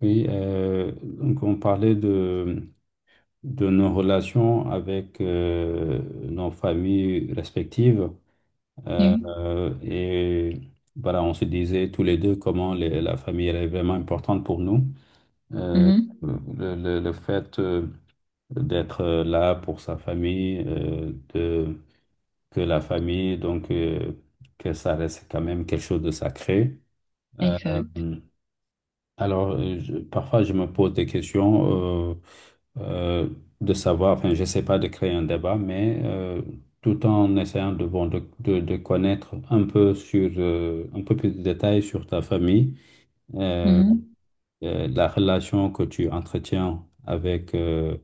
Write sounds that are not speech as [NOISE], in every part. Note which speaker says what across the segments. Speaker 1: Oui, donc on parlait de nos relations avec nos familles respectives. Euh,
Speaker 2: Oui,
Speaker 1: euh, et voilà, on se disait tous les deux comment la famille elle est vraiment importante pour nous. Euh,
Speaker 2: mhm,
Speaker 1: le fait d'être là pour sa famille, que la famille, que ça reste quand même quelque chose de sacré. Euh,
Speaker 2: exact.
Speaker 1: parfois, je me pose des questions euh, de savoir, enfin, je sais pas de créer un débat, mais tout en essayant de, bon, de connaître un peu sur, un peu plus de détails sur ta famille, euh,
Speaker 2: Mhm,
Speaker 1: la relation que tu entretiens avec euh,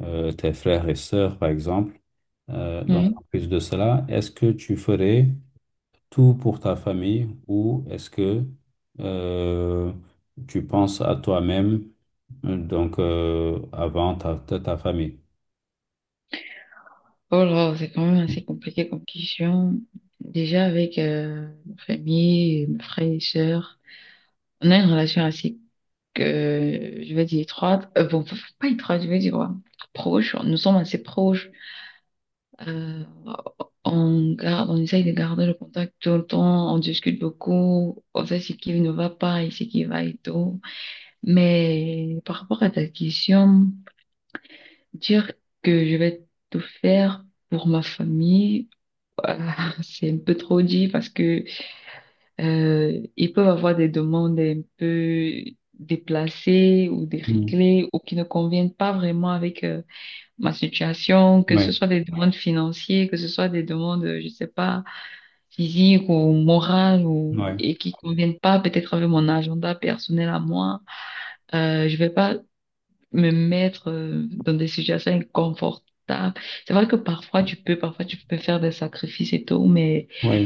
Speaker 1: euh, tes frères et sœurs, par exemple. Donc,
Speaker 2: oui.
Speaker 1: en plus de cela, est-ce que tu ferais tout pour ta famille ou est-ce que euh, tu penses à toi-même, avant ta famille?
Speaker 2: Oh là, c'est quand même assez compliqué comme question. Déjà avec ma famille, mes frères et sœurs, on a une relation assez, que je vais dire, étroite. Bon, pas étroite, je vais dire, ouais, proche. Nous sommes assez proches. Euh, on garde, on essaye de garder le contact tout le temps. On discute beaucoup. On sait ce qui ne va pas et ce qui va et tout. Mais par rapport à ta question... Dire que je vais tout faire pour ma famille, ah, [LAUGHS] c'est un peu trop dit parce que ils peuvent avoir des demandes un peu déplacées ou
Speaker 1: Mm.
Speaker 2: déréglées ou qui ne conviennent pas vraiment avec ma situation, que
Speaker 1: Oui,
Speaker 2: ce soit des demandes financières, que ce soit des demandes, je sais pas, physiques ou morales ou
Speaker 1: oui,
Speaker 2: et qui conviennent pas peut-être avec mon agenda personnel à moi. Je vais pas me mettre dans des situations inconfortables. C'est vrai que parfois tu peux faire des sacrifices et tout, mais
Speaker 1: oui,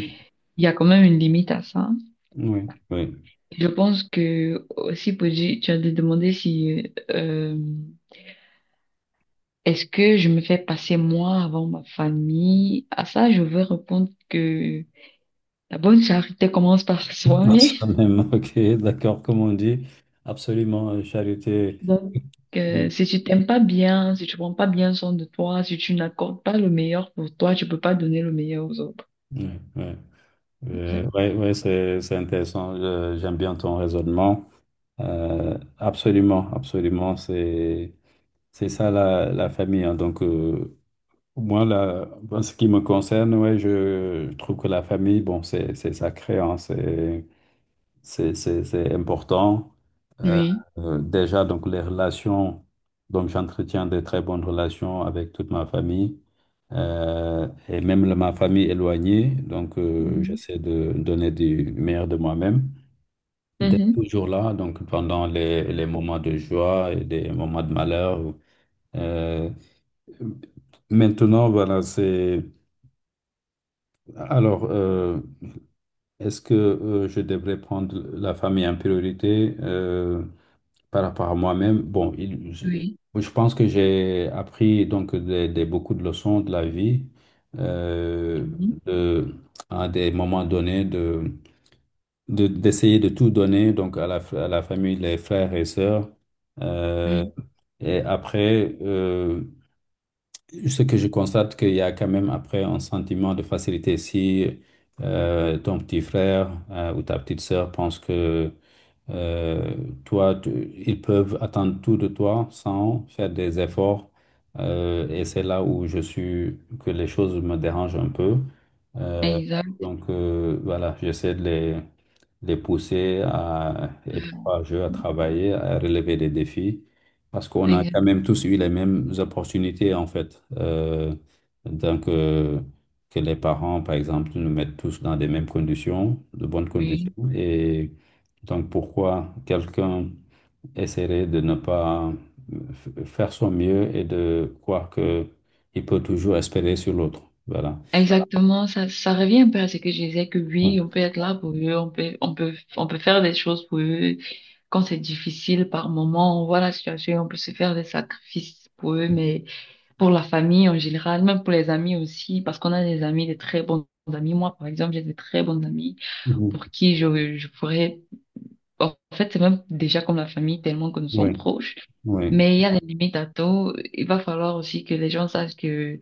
Speaker 2: il y a quand même une limite à ça.
Speaker 1: oui, oui.
Speaker 2: Je pense que aussi, Pooji, tu as demandé si est-ce que je me fais passer moi avant ma famille? À ça, je veux répondre que la bonne charité commence par [LAUGHS]
Speaker 1: À
Speaker 2: soi-même.
Speaker 1: soi-même, [LAUGHS] ok, d'accord, comme on dit, absolument, charité.
Speaker 2: Donc, euh,
Speaker 1: Oui,
Speaker 2: si tu t'aimes pas bien, si tu prends pas bien soin de toi, si tu n'accordes pas le meilleur pour toi, tu peux pas donner le meilleur aux autres.
Speaker 1: oui, oui.
Speaker 2: Exact.
Speaker 1: Ouais, ouais, c'est intéressant, j'aime bien ton raisonnement. Absolument, absolument, c'est ça la famille, hein, Moi, là, en ce qui me concerne, ouais, je trouve que la famille, bon, c'est sacré, hein, c'est important. Euh,
Speaker 2: Oui.
Speaker 1: déjà, donc, les relations, donc j'entretiens de très bonnes relations avec toute ma famille, et même ma famille éloignée,
Speaker 2: Mhm.
Speaker 1: j'essaie de donner du meilleur de moi-même, d'être
Speaker 2: Mhm.
Speaker 1: toujours là, donc, pendant les moments de joie et des moments de malheur. Euh, maintenant, voilà, c'est. Alors, est-ce que je devrais prendre la famille en priorité par rapport à moi-même? Bon,
Speaker 2: Oui.
Speaker 1: je pense que j'ai appris donc beaucoup de leçons de la vie, euh,
Speaker 2: Mhm.
Speaker 1: de, à des moments donnés d'essayer de tout donner donc à à la famille, les frères et sœurs. Euh,
Speaker 2: Oui.
Speaker 1: et après, euh, ce que je constate, qu'il y a quand même après un sentiment de facilité. Si ton petit frère ou ta petite sœur pense que euh, toi, ils peuvent attendre tout de toi sans faire des efforts. Et c'est là où je suis, que les choses me dérangent un peu. Euh,
Speaker 2: Exact.
Speaker 1: voilà, j'essaie de les pousser à être
Speaker 2: Euh,
Speaker 1: courageux, à travailler, à relever des défis, parce qu'on a quand
Speaker 2: exact.
Speaker 1: même tous eu les mêmes opportunités, en fait. Donc, euh, que les parents, par exemple, nous mettent tous dans des mêmes conditions, de bonnes
Speaker 2: Oui.
Speaker 1: conditions, et donc pourquoi quelqu'un essaierait de ne pas faire son mieux et de croire que il peut toujours espérer sur l'autre? Voilà.
Speaker 2: Exactement. Ça revient un peu à ce que je disais que
Speaker 1: Ouais.
Speaker 2: oui, on peut être là pour eux, on peut faire des choses pour eux quand c'est difficile par moment. On voit la situation, on peut se faire des sacrifices pour eux, mais pour la famille en général, même pour les amis aussi, parce qu'on a des amis, des très bons amis. Moi, par exemple, j'ai des très bons amis pour
Speaker 1: Mhm.
Speaker 2: qui je pourrais. En fait, c'est même déjà comme la famille, tellement que nous sommes
Speaker 1: Oui,
Speaker 2: proches.
Speaker 1: oui,
Speaker 2: Mais il y a des limites à tout. Il va falloir aussi que les gens sachent que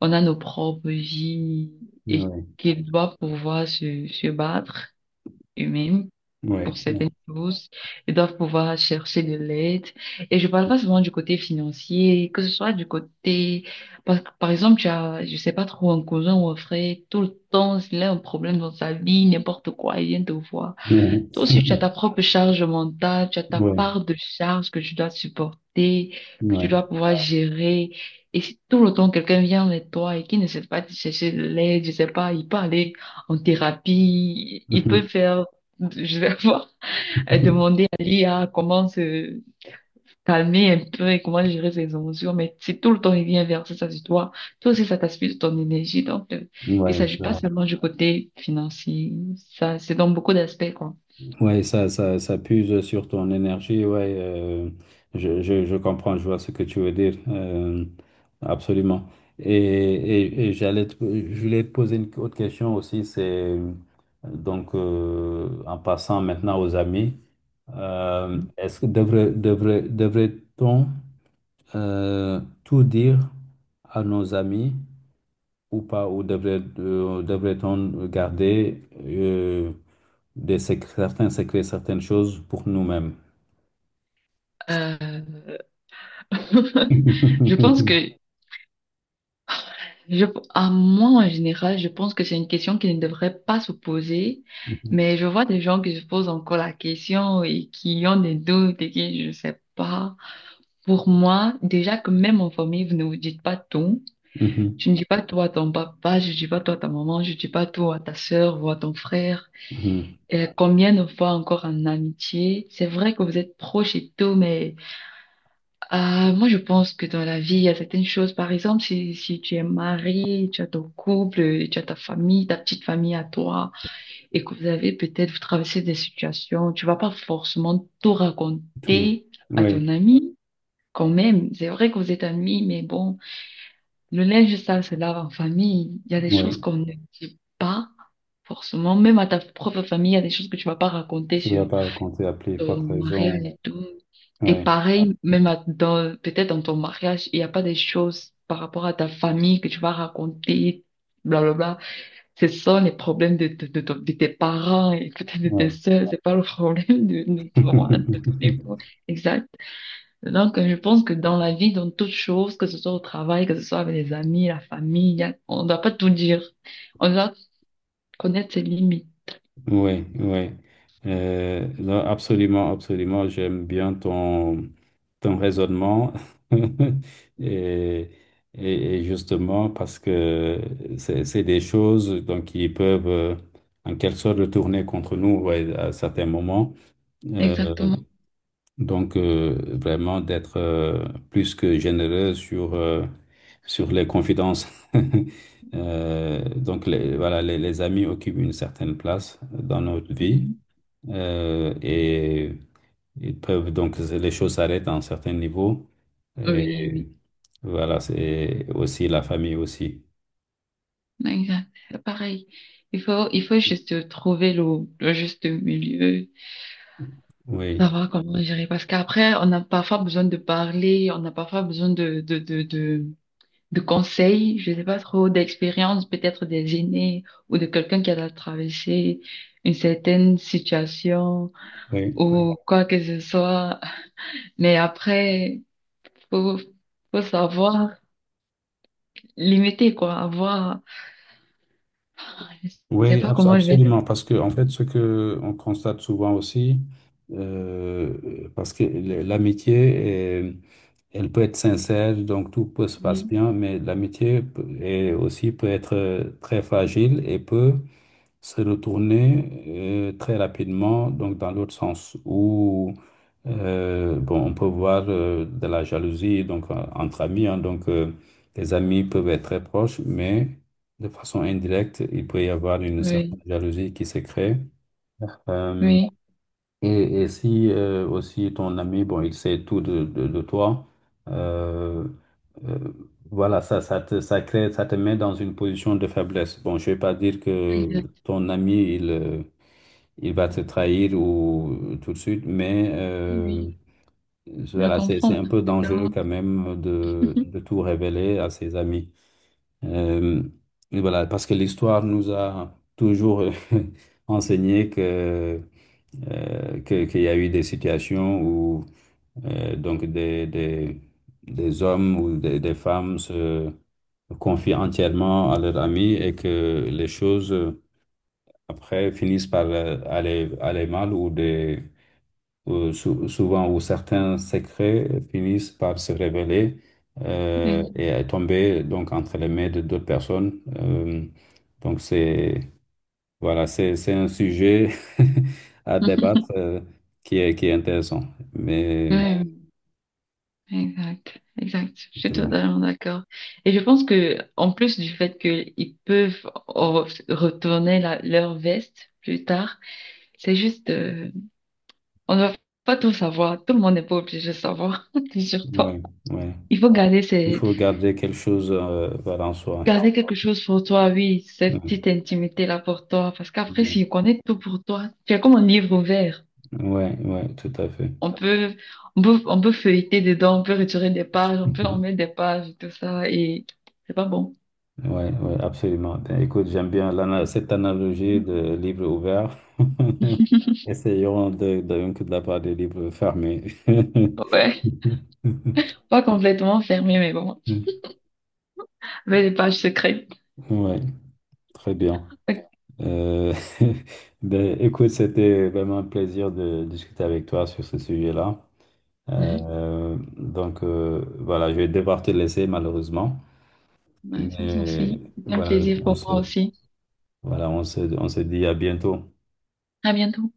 Speaker 2: on a nos propres vies et
Speaker 1: oui,
Speaker 2: qu'ils doivent pouvoir se battre eux-mêmes
Speaker 1: oui,
Speaker 2: pour
Speaker 1: oui, oui,
Speaker 2: certaines choses. Ils doivent pouvoir chercher de l'aide. Et je parle pas seulement du côté financier, que ce soit du côté, parce que par exemple, tu as, je sais pas trop, un cousin ou un frère, tout le temps, il a un problème dans sa vie, n'importe quoi, il vient te voir. Toi aussi, tu as ta
Speaker 1: [LAUGHS]
Speaker 2: propre charge mentale, tu as ta
Speaker 1: oui,
Speaker 2: part de charge que tu dois supporter, que tu
Speaker 1: oui,
Speaker 2: dois pouvoir gérer. Et si tout le temps quelqu'un vient avec toi et qui ne sait pas te chercher de l'aide, je sais pas, il peut aller en thérapie, il peut faire, [LAUGHS] je sais pas, [LAUGHS]
Speaker 1: [LAUGHS]
Speaker 2: demander à l'IA comment se calmer un peu et comment gérer ses émotions. Mais si tout le temps il vient verser ça sur toi, toi aussi, ça t'aspire de ton énergie. Donc, il
Speaker 1: oui,
Speaker 2: s'agit pas
Speaker 1: ça,
Speaker 2: seulement du côté financier, ça, c'est dans beaucoup d'aspects, quoi.
Speaker 1: ouais, ça puise sur ton énergie. Ouais, je comprends, je vois ce que tu veux dire. Absolument. Et je voulais te poser une autre question aussi. C'est en passant maintenant aux amis, est-ce que devrait-on tout dire à nos amis? Ou pas, ou devrait-on garder certains secrets, certaines choses pour nous-mêmes?
Speaker 2: Euh, [LAUGHS] je pense
Speaker 1: [LAUGHS]
Speaker 2: que, je, à moi en général, je pense que c'est une question qui ne devrait pas se poser,
Speaker 1: Mhm,
Speaker 2: mais je vois des gens qui se posent encore la question et qui ont des doutes et qui, je sais pas. Pour moi, déjà que même en famille, vous ne vous dites pas tout.
Speaker 1: mhm,
Speaker 2: Tu ne dis pas toi à ton papa, je ne dis pas toi à ta maman, je ne dis pas toi à ta sœur ou à ton frère.
Speaker 1: mhm.
Speaker 2: Et combien de fois encore en amitié, c'est vrai que vous êtes proches et tout, mais moi je pense que dans la vie, il y a certaines choses. Par exemple, si tu es marié, tu as ton couple, tu as ta famille, ta petite famille à toi, et que vous avez peut-être, vous traversez des situations, tu vas pas forcément tout
Speaker 1: Tout.
Speaker 2: raconter à ton
Speaker 1: Oui,
Speaker 2: ami. Quand même, c'est vrai que vous êtes amis, mais bon. Le linge sale se lave en famille. Il y a des choses
Speaker 1: oui,
Speaker 2: qu'on ne dit pas forcément. Même à ta propre famille, il y a des choses que tu vas pas raconter
Speaker 1: je ne dois
Speaker 2: sur
Speaker 1: pas raconter à plus
Speaker 2: ton
Speaker 1: forte
Speaker 2: mariage
Speaker 1: raison.
Speaker 2: et tout. Et
Speaker 1: Oui,
Speaker 2: pareil, même à- dans, peut-être dans ton mariage, il n'y a pas des choses par rapport à ta famille que tu vas raconter, blablabla. Ce sont les problèmes de tes parents et peut-être de tes
Speaker 1: oui.
Speaker 2: soeurs. C'est pas le problème de, de ton
Speaker 1: [LAUGHS]
Speaker 2: époux. Donc, je pense que dans la vie, dans toute chose, que ce soit au travail, que ce soit avec les amis, la famille, y a- on ne doit pas tout dire. On doit connaître ses limites.
Speaker 1: Oui, oui. Non, absolument, absolument. J'aime bien ton raisonnement. [LAUGHS] Et, et justement, parce que c'est des choses donc, qui peuvent en quelque sorte retourner contre nous, ouais, à certains moments. Euh,
Speaker 2: Exactement.
Speaker 1: vraiment d'être plus que généreux sur les confidences. [LAUGHS] Voilà, les amis occupent une certaine place dans notre vie.
Speaker 2: Mhm.
Speaker 1: Et ils peuvent donc, les choses s'arrêtent à un certain niveau.
Speaker 2: Oui, oui.
Speaker 1: Et voilà, c'est aussi la famille aussi.
Speaker 2: Exact. Pareil. Il faut juste trouver le juste milieu,
Speaker 1: Oui,
Speaker 2: savoir comment gérer. Parce qu'après, on a parfois besoin de parler, on a parfois besoin de conseils, je sais pas trop, d'expérience, peut-être des aînés ou de quelqu'un qui a traversé une certaine situation.
Speaker 1: oui,
Speaker 2: Ou quoi que ce soit. Mais après, faut, faut savoir limiter, quoi, avoir, je sais
Speaker 1: oui,
Speaker 2: pas comment je vais dire.
Speaker 1: absolument. Parce que, en fait, ce que on constate souvent aussi, parce que l'amitié, est- elle peut être sincère, donc tout peut se passe
Speaker 2: Oui,
Speaker 1: bien, mais est aussi peut être très fragile et peut se retourner très rapidement, donc dans l'autre sens, où bon, on peut voir de la jalousie donc, entre amis. Hein. Les amis peuvent être très proches, mais de façon indirecte, il peut y avoir une certaine
Speaker 2: oui,
Speaker 1: jalousie qui se crée. Euh,
Speaker 2: oui,
Speaker 1: et si aussi ton ami, bon, il sait tout de toi, euh, euh, voilà, ça crée, ça te met dans une position de faiblesse. Bon, je vais pas dire que
Speaker 2: exact.
Speaker 1: ton ami, il va te trahir ou tout de suite, mais
Speaker 2: Oui, je
Speaker 1: voilà, c'est
Speaker 2: comprends
Speaker 1: un peu dangereux
Speaker 2: parfaitement.
Speaker 1: quand même de
Speaker 2: [LAUGHS]
Speaker 1: tout révéler à ses amis. Euh, et voilà, parce que l'histoire nous a toujours [LAUGHS] enseigné que qu'il y a eu des situations où euh, donc des, des, des hommes ou des femmes se confient entièrement à leurs amis et que les choses après finissent par aller mal ou souvent où certains secrets finissent par se révéler
Speaker 2: Exact.
Speaker 1: et tomber donc entre les mains de d'autres personnes. Donc c'est Voilà, c'est un sujet [LAUGHS] à débattre, qui est intéressant. Mais
Speaker 2: Oui, exact, exact. Je suis
Speaker 1: bon,
Speaker 2: totalement d'accord. Et je pense que, en plus du fait qu'ils peuvent re- retourner la- leur veste plus tard, c'est juste, on ne va pas tout savoir. Tout le monde n'est pas obligé de savoir, [LAUGHS] surtout.
Speaker 1: ouais, ouais.
Speaker 2: Il faut garder
Speaker 1: Il
Speaker 2: ces,
Speaker 1: faut garder quelque chose, voilà, en soi.
Speaker 2: garder quelque chose pour toi, oui, cette petite
Speaker 1: Ouais,
Speaker 2: intimité-là pour toi, parce qu'après,
Speaker 1: bon,
Speaker 2: si on connaît tout pour toi, tu es comme un livre ouvert.
Speaker 1: ouais, ouais, tout à fait. [LAUGHS]
Speaker 2: On peut, on peut feuilleter dedans, on peut retirer des pages, on peut en
Speaker 1: Mhm.
Speaker 2: mettre des pages, tout ça, et c'est pas bon.
Speaker 1: Ouais, ouais, absolument. Ben, écoute, j'aime bien cette analogie de livre ouvert. [LAUGHS] Essayons de, donc de la part des livres fermés. [LAUGHS]
Speaker 2: Ouais, pas complètement fermé, mais bon, avec des pages secrètes.
Speaker 1: Ouais, très bien. Euh, [LAUGHS] ben, écoute, c'était vraiment un plaisir de discuter avec toi sur ce sujet-là.
Speaker 2: Ouais,
Speaker 1: Voilà, je vais devoir te laisser malheureusement,
Speaker 2: ouais, ça c'est
Speaker 1: mais
Speaker 2: aussi, c'est un
Speaker 1: voilà,
Speaker 2: plaisir pour moi aussi.
Speaker 1: voilà, on se dit à bientôt.
Speaker 2: À bientôt.